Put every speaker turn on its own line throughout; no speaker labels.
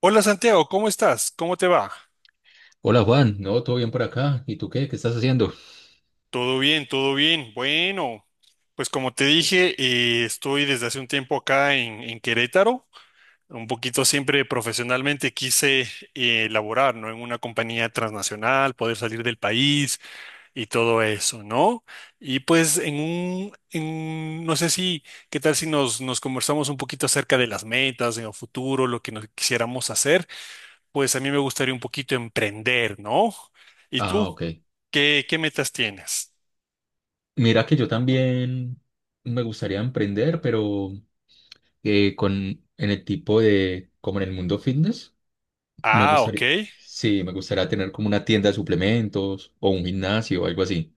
Hola Santiago, ¿cómo estás? ¿Cómo te va?
Hola Juan, no, todo bien por acá. ¿Y tú qué? ¿Qué estás haciendo?
Todo bien, todo bien. Bueno, pues como te dije, estoy desde hace un tiempo acá en Querétaro. Un poquito siempre profesionalmente quise laborar, ¿no? En una compañía transnacional, poder salir del país y todo eso, ¿no? Y pues no sé si, ¿qué tal si nos conversamos un poquito acerca de las metas en el futuro, lo que nos quisiéramos hacer? Pues a mí me gustaría un poquito emprender, ¿no? ¿Y
Ah,
tú?
ok.
¿Qué metas tienes?
Mira que yo también me gustaría emprender, pero con en el tipo de, como en el mundo fitness, me
Ah,
gustaría,
ok.
sí, me gustaría tener como una tienda de suplementos o un gimnasio o algo así.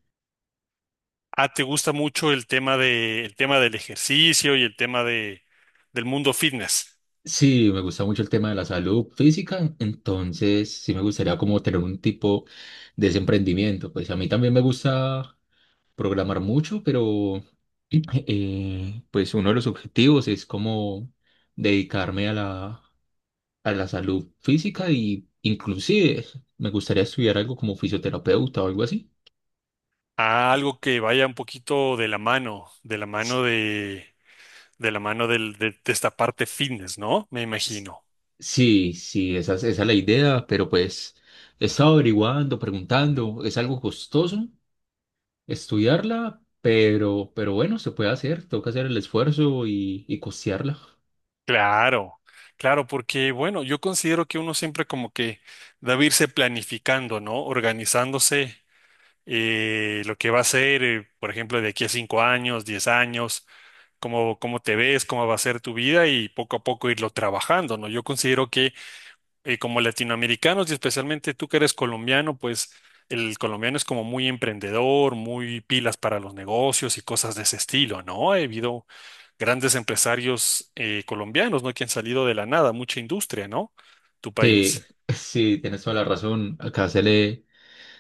Ah, ¿te gusta mucho el tema del ejercicio y del mundo fitness?
Sí, me gusta mucho el tema de la salud física, entonces sí me gustaría como tener un tipo de ese emprendimiento. Pues a mí también me gusta programar mucho, pero pues uno de los objetivos es como dedicarme a la salud física y inclusive me gustaría estudiar algo como fisioterapeuta o algo así.
Ah, algo que vaya un poquito de la mano, de la mano
S-
de la mano del- de esta parte fitness, ¿no? Me
s-
imagino.
Sí, sí, esa es la idea, pero pues he estado averiguando, preguntando, es algo costoso estudiarla, pero bueno, se puede hacer, toca hacer el esfuerzo y costearla.
Claro, claro, porque bueno, yo considero que uno siempre como que debe irse planificando, ¿no? Organizándose lo que va a ser, por ejemplo, de aquí a 5 años, 10 años, cómo te ves, cómo va a ser tu vida y poco a poco irlo trabajando, ¿no? Yo considero que como latinoamericanos y especialmente tú que eres colombiano, pues el colombiano es como muy emprendedor, muy pilas para los negocios y cosas de ese estilo, ¿no? Ha habido grandes empresarios colombianos, ¿no? Que han salido de la nada, mucha industria, ¿no? Tu
Sí,
país.
sí, tienes toda la razón, acá se le...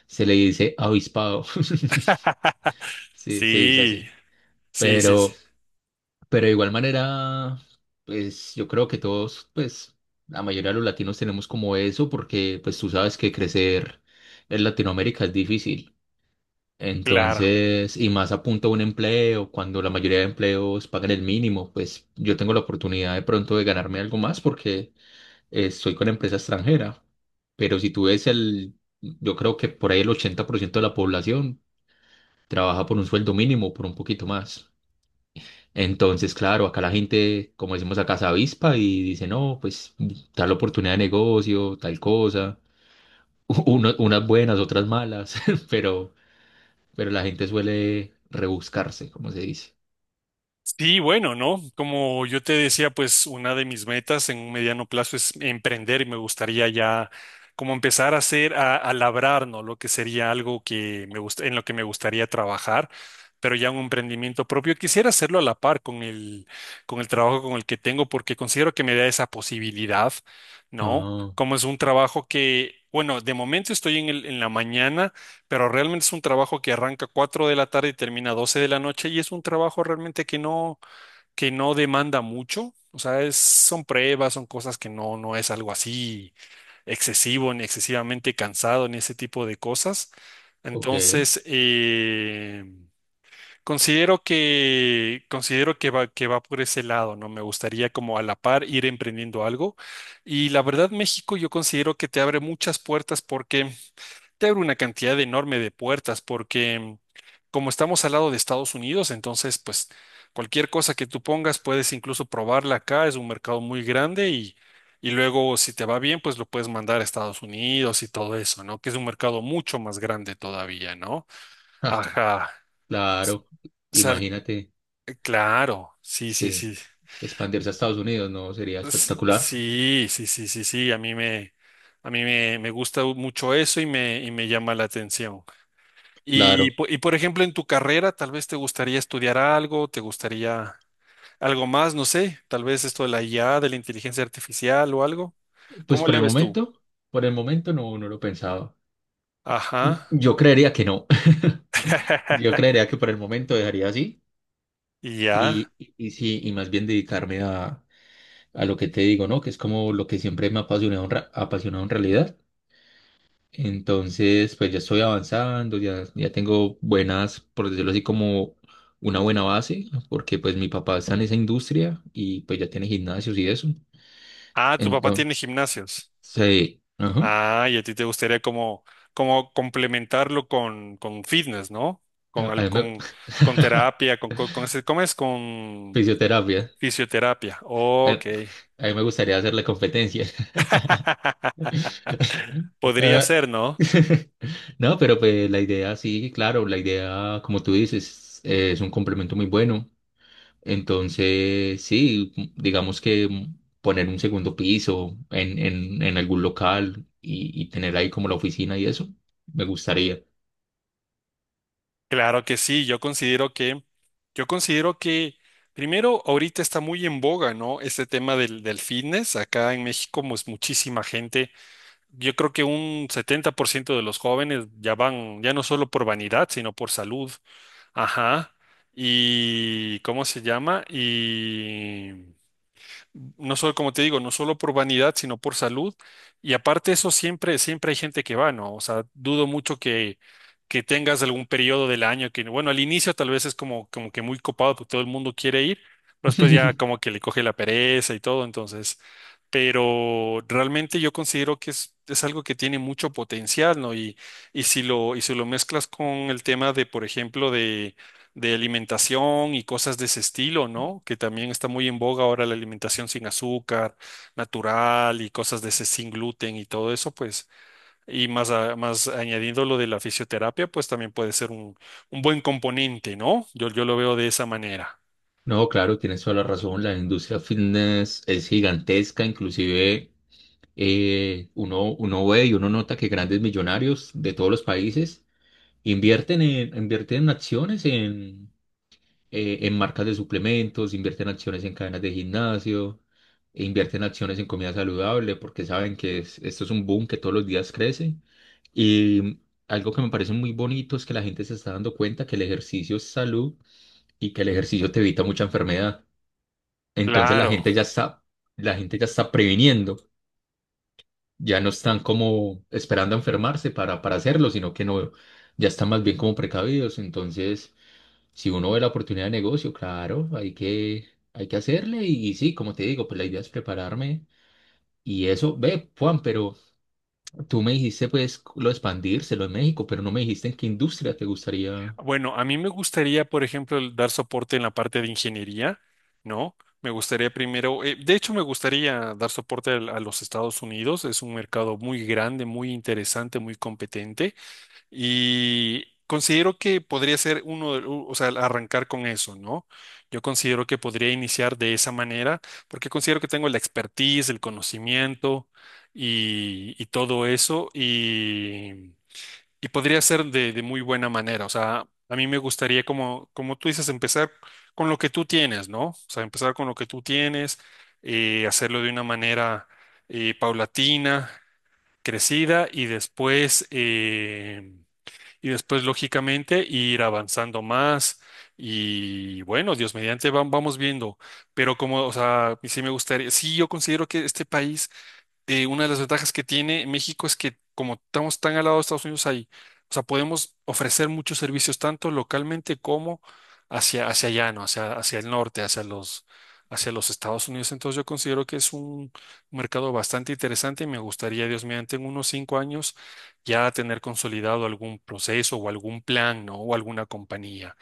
Se le dice avispado. Sí, se dice
Sí,
así.
sí, sí, sí.
Pero, pero de igual manera, pues yo creo que todos, pues la mayoría de los latinos tenemos como eso, porque pues tú sabes que crecer en Latinoamérica es difícil.
Claro.
Entonces, y más a punto de un empleo, cuando la mayoría de empleos pagan el mínimo, pues yo tengo la oportunidad de pronto de ganarme algo más porque estoy con empresa extranjera. Pero si tú ves yo creo que por ahí el 80% de la población trabaja por un sueldo mínimo, por un poquito más. Entonces, claro, acá la gente, como decimos acá, se avispa y dice, no, pues tal oportunidad de negocio, tal cosa, unas buenas, otras malas, pero, pero la gente suele rebuscarse, como se dice.
Sí, bueno, ¿no? Como yo te decía, pues una de mis metas en un mediano plazo es emprender y me gustaría ya como empezar a hacer, a labrar, ¿no? Lo que sería algo que me gusta, en lo que me gustaría trabajar, pero ya un emprendimiento propio. Quisiera hacerlo a la par con el trabajo con el que tengo porque considero que me da esa posibilidad, ¿no?
Ah,
Como es un trabajo que, bueno, de momento estoy en la mañana. Pero realmente es un trabajo que arranca 4 de la tarde y termina 12 de la noche y es un trabajo realmente que no, demanda mucho. O sea, son pruebas, son cosas que no es algo así excesivo, ni excesivamente cansado, ni ese tipo de cosas.
ok.
Entonces, considero que va, que va por ese lado, ¿no? Me gustaría como a la par ir emprendiendo algo. Y la verdad, México yo considero que te abre muchas puertas porque te abre una cantidad enorme de puertas porque como estamos al lado de Estados Unidos, entonces pues cualquier cosa que tú pongas puedes incluso probarla acá, es un mercado muy grande y luego si te va bien pues lo puedes mandar a Estados Unidos y todo eso, ¿no? Que es un mercado mucho más grande todavía, ¿no?
Ah,
Ajá.
claro,
O sea,
imagínate,
claro, sí, sí,
sí,
sí.
expandirse a Estados Unidos, ¿no? Sería espectacular.
Sí, sí, sí, sí, sí, me gusta mucho eso y me llama la atención. Y,
Claro,
po- y por ejemplo, en tu carrera, tal vez te gustaría estudiar algo, te gustaría algo más, no sé, tal vez esto de la IA, de la inteligencia artificial o algo.
pues
¿Cómo
por
le
el
ves tú?
momento, por el momento no lo pensaba.
Ajá.
Yo creería que no. Yo creería que por el momento dejaría así
Y ya.
y sí, y más bien dedicarme a lo que te digo, ¿no? Que es como lo que siempre me ha apasionado en realidad. Entonces, pues ya estoy avanzando, ya tengo buenas, por decirlo así, como una buena base, porque pues mi papá está en esa industria y pues ya tiene gimnasios y eso.
Ah, tu papá
Entonces,
tiene gimnasios.
sí, ajá,
Ah, y a ti te gustaría como complementarlo con fitness, ¿no?
a,
Con,
a
al-
mí me-
con, con terapia, ¿cómo es? Con
fisioterapia.
fisioterapia.
A,
Ok.
a mí me gustaría hacerle competencia.
Podría
Ah,
ser, ¿no?
No, pero pues la idea sí, claro, la idea, como tú dices, es un complemento muy bueno. Entonces, sí, digamos que poner un segundo piso en, en algún local y tener ahí como la oficina y eso, me gustaría.
Claro que sí, yo considero que primero ahorita está muy en boga, ¿no? Este tema del fitness, acá en México pues muchísima gente, yo creo que un 70% de los jóvenes ya van, ya no solo por vanidad, sino por salud, ajá, y ¿cómo se llama? Y no solo, como te digo, no solo por vanidad, sino por salud. Y aparte eso, siempre, siempre hay gente que va, ¿no? O sea, dudo mucho que, tengas algún periodo del año que, bueno, al inicio tal vez es como que muy copado porque todo el mundo quiere ir, pero después ya como que le coge la pereza y todo, entonces, pero realmente yo considero que es algo que tiene mucho potencial, ¿no? Y si lo mezclas con el tema de, por ejemplo, de alimentación y cosas de ese estilo, ¿no? Que también está muy en boga ahora la alimentación sin azúcar, natural y cosas de ese sin gluten y todo eso, pues, y más, más añadiendo lo de la fisioterapia, pues también puede ser un buen componente, ¿no? Yo lo veo de esa manera.
No, claro, tienes toda la razón. La industria fitness es gigantesca, inclusive uno ve y uno nota que grandes millonarios de todos los países invierten en acciones en marcas de suplementos, invierten acciones en cadenas de gimnasio, e invierten acciones en comida saludable, porque saben que esto es un boom que todos los días crece. Y algo que me parece muy bonito es que la gente se está dando cuenta que el ejercicio es salud y que el ejercicio te evita mucha enfermedad. Entonces la
Claro.
gente ya está, la gente ya está previniendo, ya no están como esperando a enfermarse para hacerlo, sino que no, ya están más bien como precavidos. Entonces si uno ve la oportunidad de negocio, claro, hay que hacerle y, sí, como te digo, pues la idea es prepararme y eso, ve, Juan, pero tú me dijiste pues lo de expandírselo en México, pero no me dijiste en qué industria te gustaría.
Bueno, a mí me gustaría, por ejemplo, el dar soporte en la parte de ingeniería, ¿no? Me gustaría primero, de hecho me gustaría dar soporte a los Estados Unidos, es un mercado muy grande, muy interesante, muy competente. Y considero que podría ser uno, o sea, arrancar con eso, ¿no? Yo considero que podría iniciar de esa manera, porque considero que tengo la expertise, el conocimiento y todo eso, y podría ser de muy buena manera. O sea, a mí me gustaría, como tú dices, empezar con lo que tú tienes, ¿no? O sea, empezar con lo que tú tienes, hacerlo de una manera paulatina, crecida, y después, lógicamente, ir avanzando más. Y bueno, Dios mediante, vamos viendo. Pero como, o sea, sí me gustaría, sí, yo considero que este país una de las ventajas que tiene México es que como estamos tan al lado de Estados Unidos ahí, o sea, podemos ofrecer muchos servicios tanto localmente como hacia allá, ¿no? Hacia el norte, hacia los Estados Unidos. Entonces yo considero que es un mercado bastante interesante y me gustaría, Dios mediante, en unos 5 años ya tener consolidado algún proceso o algún plan, ¿no? O alguna compañía.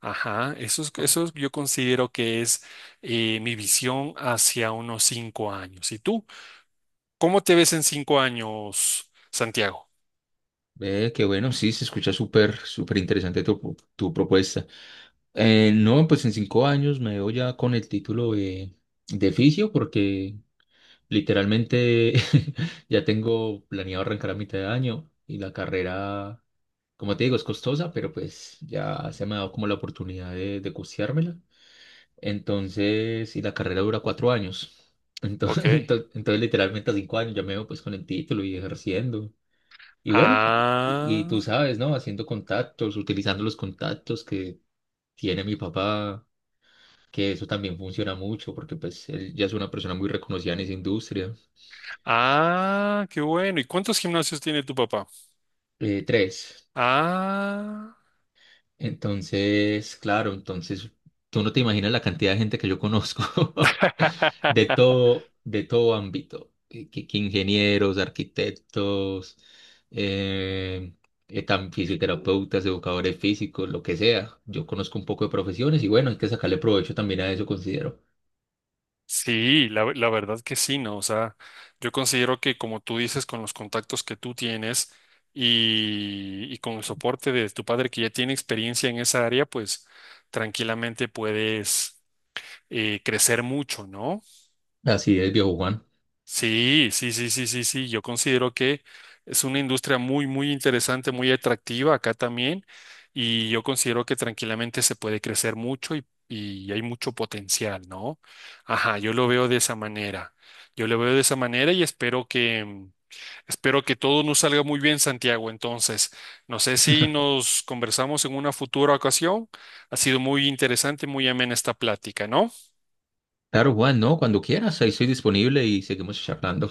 Ajá,
Ah,
yo considero que es mi visión hacia unos 5 años. ¿Y tú? ¿Cómo te ves en 5 años, Santiago?
ve, qué bueno, sí, se escucha súper, súper interesante tu propuesta. No, pues en 5 años me veo ya con el título de fisio porque literalmente ya tengo planeado arrancar a mitad de año y la carrera, como te digo, es costosa, pero pues ya se me ha dado como la oportunidad de costeármela. Entonces, y la carrera dura 4 años. Entonces,
Ok.
entonces literalmente a 5 años ya me veo pues con el título y ejerciendo. Y bueno, y tú
Ah,
sabes, ¿no? Haciendo contactos, utilizando los contactos que tiene mi papá, que eso también funciona mucho porque pues él ya es una persona muy reconocida en esa industria.
ah, qué bueno. ¿Y cuántos gimnasios tiene tu papá?
Tres.
Ah.
Entonces, claro, entonces tú no te imaginas la cantidad de gente que yo conozco de todo, de todo ámbito, que ingenieros, arquitectos, eh, fisioterapeutas, educadores físicos, lo que sea. Yo conozco un poco de profesiones y bueno, hay que sacarle provecho también a eso, considero.
Sí, la verdad que sí, ¿no? O sea, yo considero que como tú dices, con los contactos que tú tienes y con el soporte de tu padre que ya tiene experiencia en esa área, pues tranquilamente puedes crecer mucho, ¿no?
Así es, viejo Juan.
Sí, sí, sí, sí, sí, sí. Yo considero que es una industria muy, muy interesante, muy atractiva acá también. Y yo considero que tranquilamente se puede crecer mucho y hay mucho potencial, ¿no? Ajá, yo lo veo de esa manera. Yo lo veo de esa manera y espero que todo nos salga muy bien, Santiago. Entonces, no sé si nos conversamos en una futura ocasión. Ha sido muy interesante, muy amena esta plática, ¿no?
Claro, Juan, no, cuando quieras, ahí estoy disponible y seguimos charlando.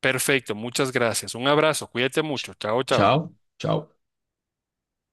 Perfecto, muchas gracias. Un abrazo, cuídate mucho.
Ch-
Chao, chao.
Chao, chao.